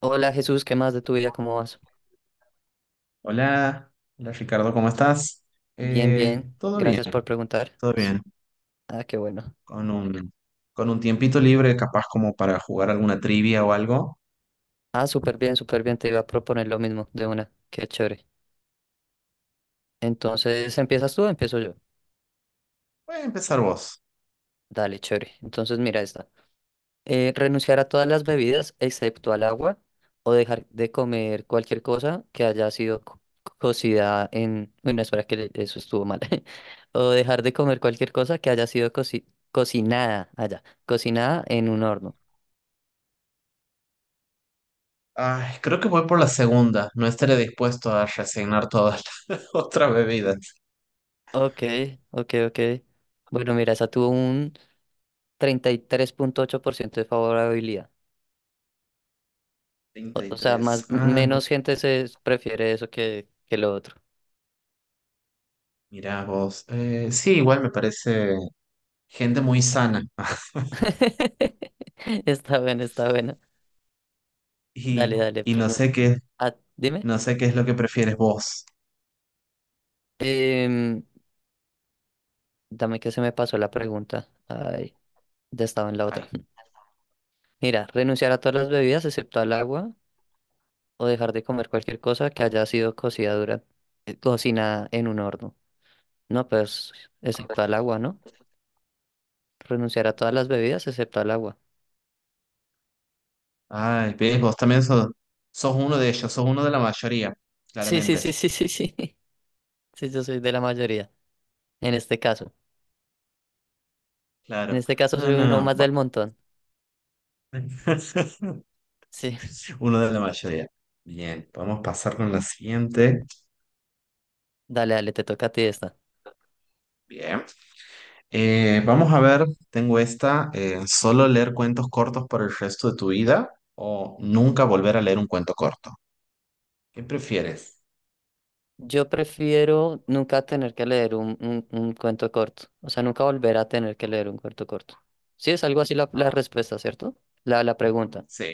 Hola Jesús, ¿qué más de tu vida? ¿Cómo vas? Hola, hola Ricardo, ¿cómo estás? Bien, bien. Todo bien, Gracias por preguntar. todo bien. Ah, qué bueno. Con un, con un tiempito libre, capaz como para jugar alguna trivia o algo. Ah, súper bien, súper bien. Te iba a proponer lo mismo de una. Qué chévere. Entonces, Bien. ¿empiezas tú o empiezo yo? Voy a empezar vos. Dale, chévere. Entonces, mira esta. Renunciar a todas las bebidas excepto al agua o dejar de comer cualquier cosa que haya sido cocida en... Bueno, espera que eso estuvo mal. O dejar de comer cualquier cosa que haya sido cocinada allá, cocinada en un horno. Ay, creo que voy por la segunda. No estaré dispuesto a resignar todas las otras bebidas. Ok, ok, ok. Bueno, mira, esa tuvo un 33,8% de favorabilidad. O, Treinta y o sea, más, tres. Ah, menos gente prefiere eso que lo otro. mira vos. Sí, igual me parece gente muy sana. Está bueno, está bueno. Y, Dale, dale, y no pregunta. sé Ah, dime. Qué es lo que prefieres vos. Em, Dame que se me pasó la pregunta. Ay, ya estaba en la otra. Ay, Mira, renunciar a todas las bebidas excepto al agua o dejar de comer cualquier cosa que haya sido cocida durante, cocinada en un horno. No, pues, excepto al agua, ¿no? Renunciar a todas las bebidas excepto al agua. ay, ves, sos uno de ellos, sos uno de la mayoría, Sí, sí, sí, claramente. sí, sí, sí. Sí, yo soy de la mayoría. En este caso. En Claro. este caso No, soy uno no. más del Bueno. montón. Sí. Uno de la mayoría. Bien, vamos a pasar con la siguiente. Dale, dale, te toca a ti esta. Bien. Vamos a ver, tengo esta, solo leer cuentos cortos por el resto de tu vida o nunca volver a leer un cuento corto. ¿Qué prefieres? Yo prefiero nunca tener que leer un cuento corto. O sea, nunca volver a tener que leer un cuento corto. Sí, es algo así la Ah, respuesta, ¿cierto? La pregunta. sí,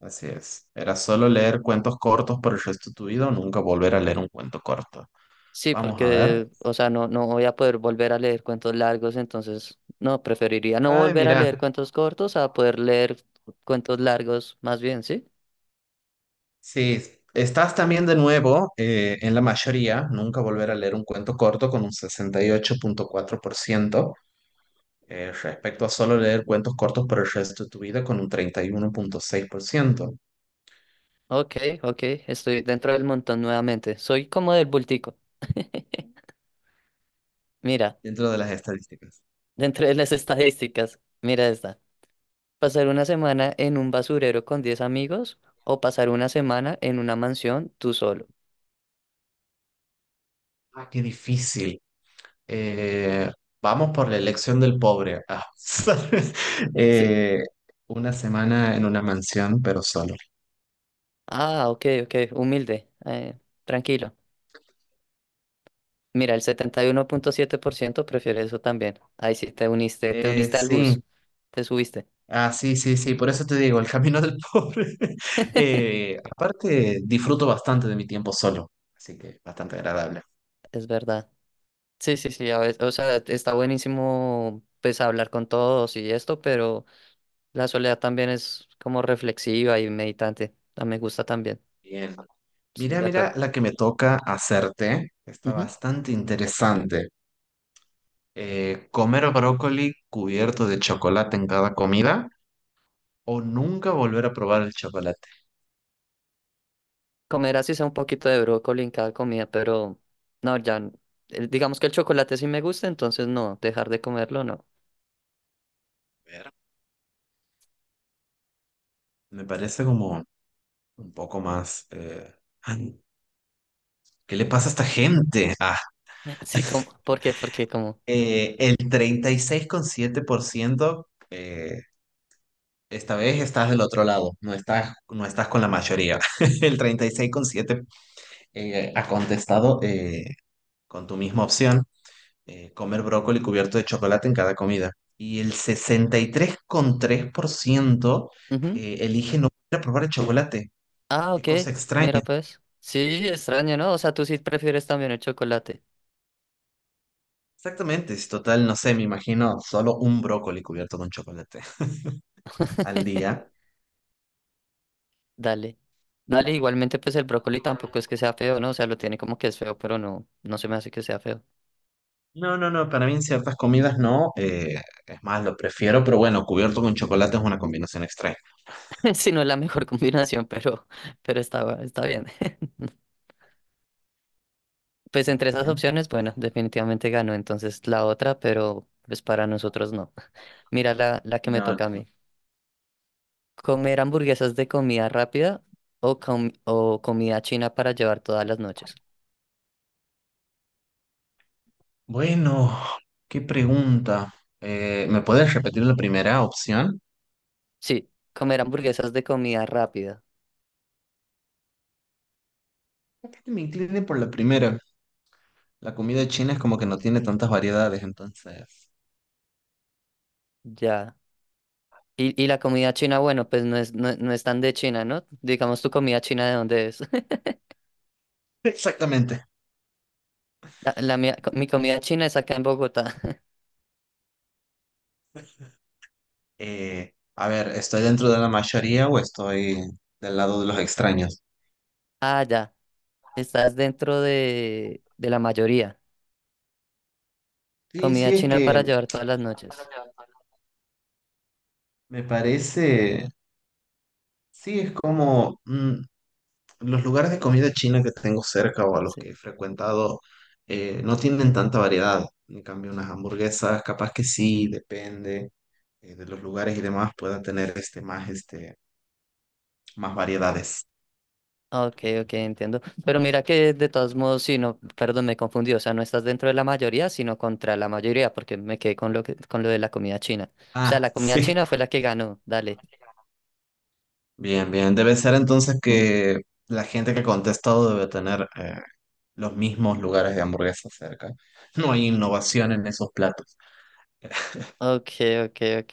así es. Era solo leer cuentos cortos por el resto de tu vida o nunca volver a leer un cuento corto. Sí, Vamos a ver. porque, o sea, no voy a poder volver a leer cuentos largos, entonces, no, preferiría no Ay, volver a mira. leer cuentos cortos a poder leer cuentos largos, más bien, ¿sí? Sí, estás también de nuevo en la mayoría, nunca volver a leer un cuento corto con un 68,4%, respecto a solo leer cuentos cortos por el resto de tu vida con un 31,6%, Ok, ok, estoy dentro del montón nuevamente. Soy como del bultico. Mira, dentro de las estadísticas. dentro de las estadísticas, mira esta. Pasar una semana en un basurero con 10 amigos o pasar una semana en una mansión tú solo. Ah, qué difícil. Eh, Vamos por la elección del pobre. Ah, ¿sabes? Sí. Eh, una semana en una mansión, pero solo. Ah, ok, ok, humilde, tranquilo. Mira, el 71,7% prefiere eso también. Ahí sí te uniste al Sí, bus, te subiste, ah, sí, sí, sí, por eso te digo, el camino del pobre. Aparte, disfruto bastante de mi tiempo solo, así que bastante agradable. es verdad. Sí, sí, sí, a veces, o sea, está buenísimo pues hablar con todos y esto, pero... La soledad también es como reflexiva y meditante. Ah, me gusta también. Bien. Estoy Mira, de mira acuerdo. la que me toca hacerte. Está Ujú. bastante interesante. ¿Comer brócoli cubierto de chocolate en cada comida o nunca volver a probar el chocolate? Comer así sea un poquito de brócoli en cada comida, pero no, ya. Digamos que el chocolate sí me gusta, entonces no, dejar de comerlo no. A ver, me parece como un poco más... ay, ¿qué le pasa a esta gente? Ah, Sí, como, ¿por qué? Porque como. El 36,7%. Esta vez estás del otro lado, no estás con la mayoría. El 36,7 ha contestado con tu misma opción, comer brócoli cubierto de chocolate en cada comida. Y el 63,3% Ujú. Elige no volver a probar el chocolate. Ah, Qué ok. cosa extraña. Mira pues. Sí, extraño, ¿no? O sea, tú sí prefieres también el chocolate. Exactamente, es total, no sé, me imagino solo un brócoli cubierto con chocolate al día. Dale. Dale, igualmente pues el brócoli tampoco Igualmente. es que sea feo, ¿no? O sea, lo tiene como que es feo, pero no se me hace que sea feo. No, no, no, para mí en ciertas comidas no. Es más, lo prefiero, pero bueno, cubierto con chocolate es una combinación extraña. Si no es la mejor combinación, pero está bien. Pues Muy entre esas bien. opciones, bueno, definitivamente ganó entonces la otra, pero pues para nosotros no. Mira la que me No, toca a no. mí. ¿Comer hamburguesas de comida rápida o comida china para llevar todas las noches? Bueno, qué pregunta. ¿Me puedes repetir la primera opción? Sí, comer hamburguesas de comida rápida, Capaz que me incline por la primera. La comida china es como que no tiene tantas variedades, entonces. ya. Y la comida china, bueno, pues no es tan de China, ¿no? Digamos tu comida china de dónde es. Exactamente. Mi comida china es acá en Bogotá. A ver, ¿estoy dentro de la mayoría o estoy del lado de los extraños? Ah, ya. Estás dentro de la mayoría. Sí, Comida sí, es china para que llevar todas las noches. me parece, sí, es como, mm, los lugares de comida china que tengo cerca o a los Sí. que he frecuentado no tienen tanta variedad. En cambio, unas hamburguesas, capaz que sí, depende de los lugares y demás, puedan tener este, más variedades. Ok, ok, entiendo. Pero mira que de todos modos, si no, perdón, me confundí. O sea, no estás dentro de la mayoría, sino contra la mayoría, porque me quedé con lo de la comida china. O sea, Ah, la comida sí. china fue la que ganó. Dale. Bien, bien. Debe ser entonces que la gente que ha contestado debe tener los mismos lugares de hamburguesas cerca. No hay innovación en esos platos. Ok, ok, ok.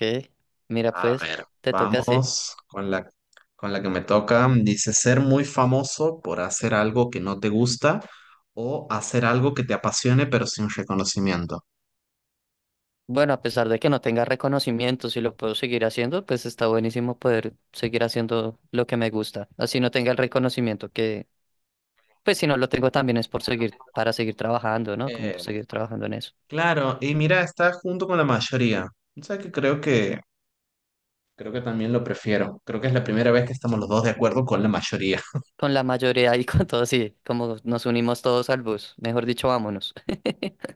Mira, A pues, ver, te toca así. Con la que me toca. Dice, ser muy famoso por hacer algo que no te gusta o hacer algo que te apasione pero sin reconocimiento. Bueno, a pesar de que no tenga reconocimiento, si lo puedo seguir haciendo, pues está buenísimo poder seguir haciendo lo que me gusta. Así no tenga el reconocimiento que, pues si no lo tengo también es para seguir trabajando, ¿no? Como Eh, seguir trabajando en eso. claro, y mira, está junto con la mayoría. O sea que creo que también lo prefiero. Creo que es la primera vez que estamos los dos de acuerdo con la mayoría. Con la mayoría y con todos, sí, como nos unimos todos al bus. Mejor dicho, vámonos.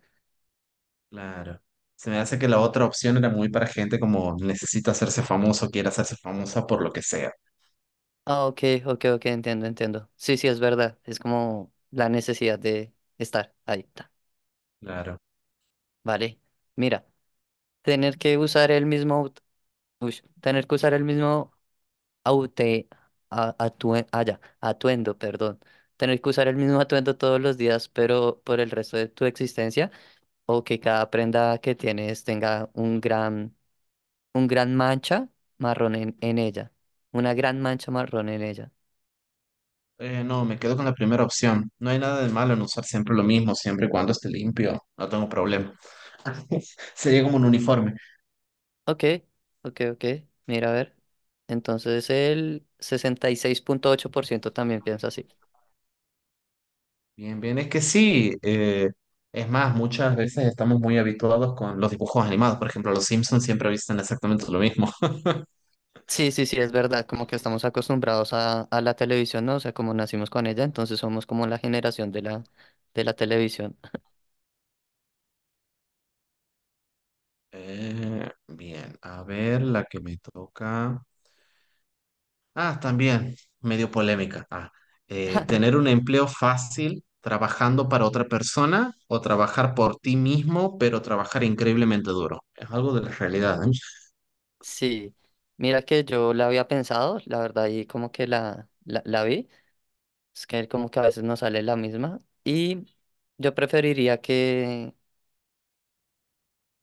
Claro. Se me hace que la otra opción era muy para gente como necesita hacerse famoso, quiere hacerse famosa por lo que sea. Ah, ok, ok, ok, entiendo, entiendo. Sí, sí, es verdad. Es como la necesidad de estar ahí. Está. Claro. Vale. Mira, tener que usar el mismo, aut- uy, tener que usar el mismo aute, a- atue- ah, ya, atuendo, perdón. Tener que usar el mismo atuendo todos los días, pero por el resto de tu existencia. O que cada prenda que tienes tenga un gran mancha marrón en ella. Una gran mancha marrón en ella. No, me quedo con la primera opción. No hay nada de malo en usar siempre lo mismo, siempre y cuando esté limpio. No tengo problema. Sería como un uniforme. Ok, ok, ok. Mira, a ver. Entonces el 66,8% también piensa así. Bien, bien, es que sí. Es más, muchas veces estamos muy habituados con los dibujos animados. Por ejemplo, los Simpsons siempre visten exactamente lo mismo. Sí, sí, sí, es verdad, como que estamos acostumbrados a la televisión, ¿no? O sea, como nacimos con ella, entonces somos como la generación de la televisión. Bien, a ver la que me toca. Ah, también, medio polémica. Ah, tener un empleo fácil trabajando para otra persona o trabajar por ti mismo, pero trabajar increíblemente duro. Es algo de la realidad, ¿eh? Sí, mira que yo la había pensado, la verdad, y como que la vi. Es que como que a veces no sale la misma. Y yo preferiría que...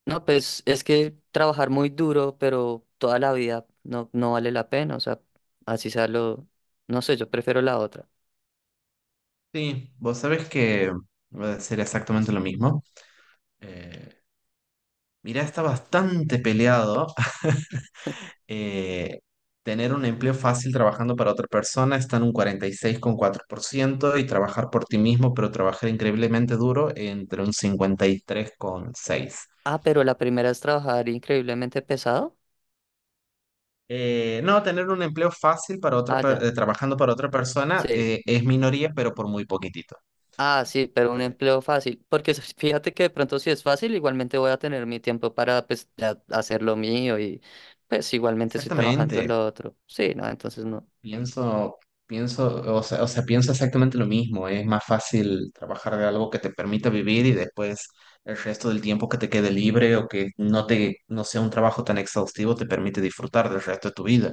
No, pues es que trabajar muy duro, pero toda la vida no vale la pena. O sea, así sea lo... No sé, yo prefiero la otra. Sí, vos sabés que voy a decir exactamente lo mismo. Eh, Mirá, está bastante peleado. Eh, Tener un empleo fácil trabajando para otra persona está en un 46,4% y trabajar por ti mismo, pero trabajar increíblemente duro entre un 53,6%. Ah, pero la primera es trabajar increíblemente pesado. No, tener un empleo fácil para Ah, ya. Trabajando para otra persona Sí. Es minoría, pero por muy poquitito. Ah, sí, pero un Eh, empleo fácil. Porque fíjate que de pronto si es fácil, igualmente voy a tener mi tiempo para pues, ya hacer lo mío y pues igualmente estoy trabajando en Exactamente, lo otro. Sí, no, entonces no. pienso, pienso, o sea, pienso exactamente lo mismo. Es más fácil trabajar de algo que te permita vivir y después el resto del tiempo que te quede libre o que no sea un trabajo tan exhaustivo te permite disfrutar del resto de tu vida.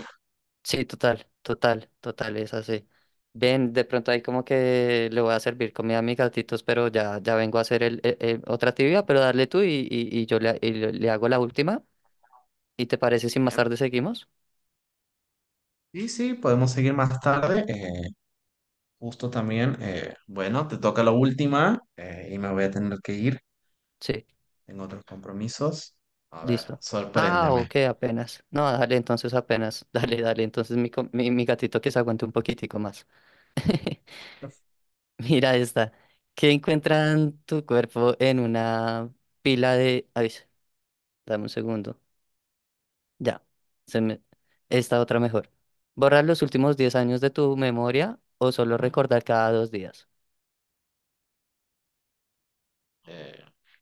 Sí, total, total, total, es así. Ven, de pronto ahí como que le voy a servir comida a mis gatitos, pero ya, ya vengo a hacer otra actividad, pero dale tú y y le hago la última. ¿Y te parece si más Bien. tarde seguimos? Sí, sí, podemos seguir más tarde. Justo también, bueno, te toca la última y me voy a tener que ir. Sí, Tengo otros compromisos. A ver, listo. Ah, sorpréndeme. ok, apenas. No, dale, entonces apenas. Dale, dale, entonces mi gatito que se aguante un poquitico más. Mira esta. ¿Qué encuentran tu cuerpo en una pila de...? Ay, dame un segundo. Ya, se me... esta otra mejor. ¿Borrar los últimos 10 años de tu memoria o solo recordar cada 2 días? Eh,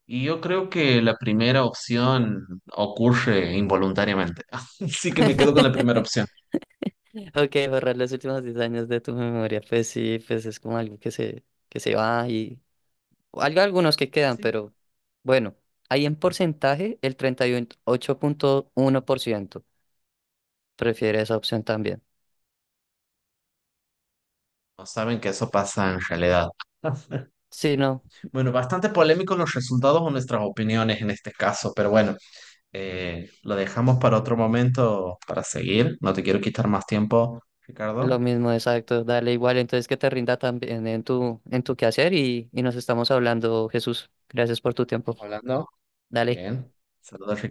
y yo creo que la primera opción ocurre involuntariamente. Así que me quedo con la primera opción. Ok, borrar los últimos 10 años de tu memoria. Pues sí, pues es como algo que se va y... o algo, algunos que quedan, Sí. pero bueno, ahí en porcentaje el 38,1% prefiere esa opción también. No saben que eso pasa en realidad. Sí, no, Bueno, bastante polémicos los resultados o nuestras opiniones en este caso, pero bueno, lo dejamos para otro momento para seguir. No te quiero quitar más tiempo, lo Ricardo. mismo, exacto. Dale igual, entonces que te rinda también en tu quehacer y nos estamos hablando, Jesús. Gracias por tu tiempo. Hablando. Dale. Bien. Saludos, Ricardo.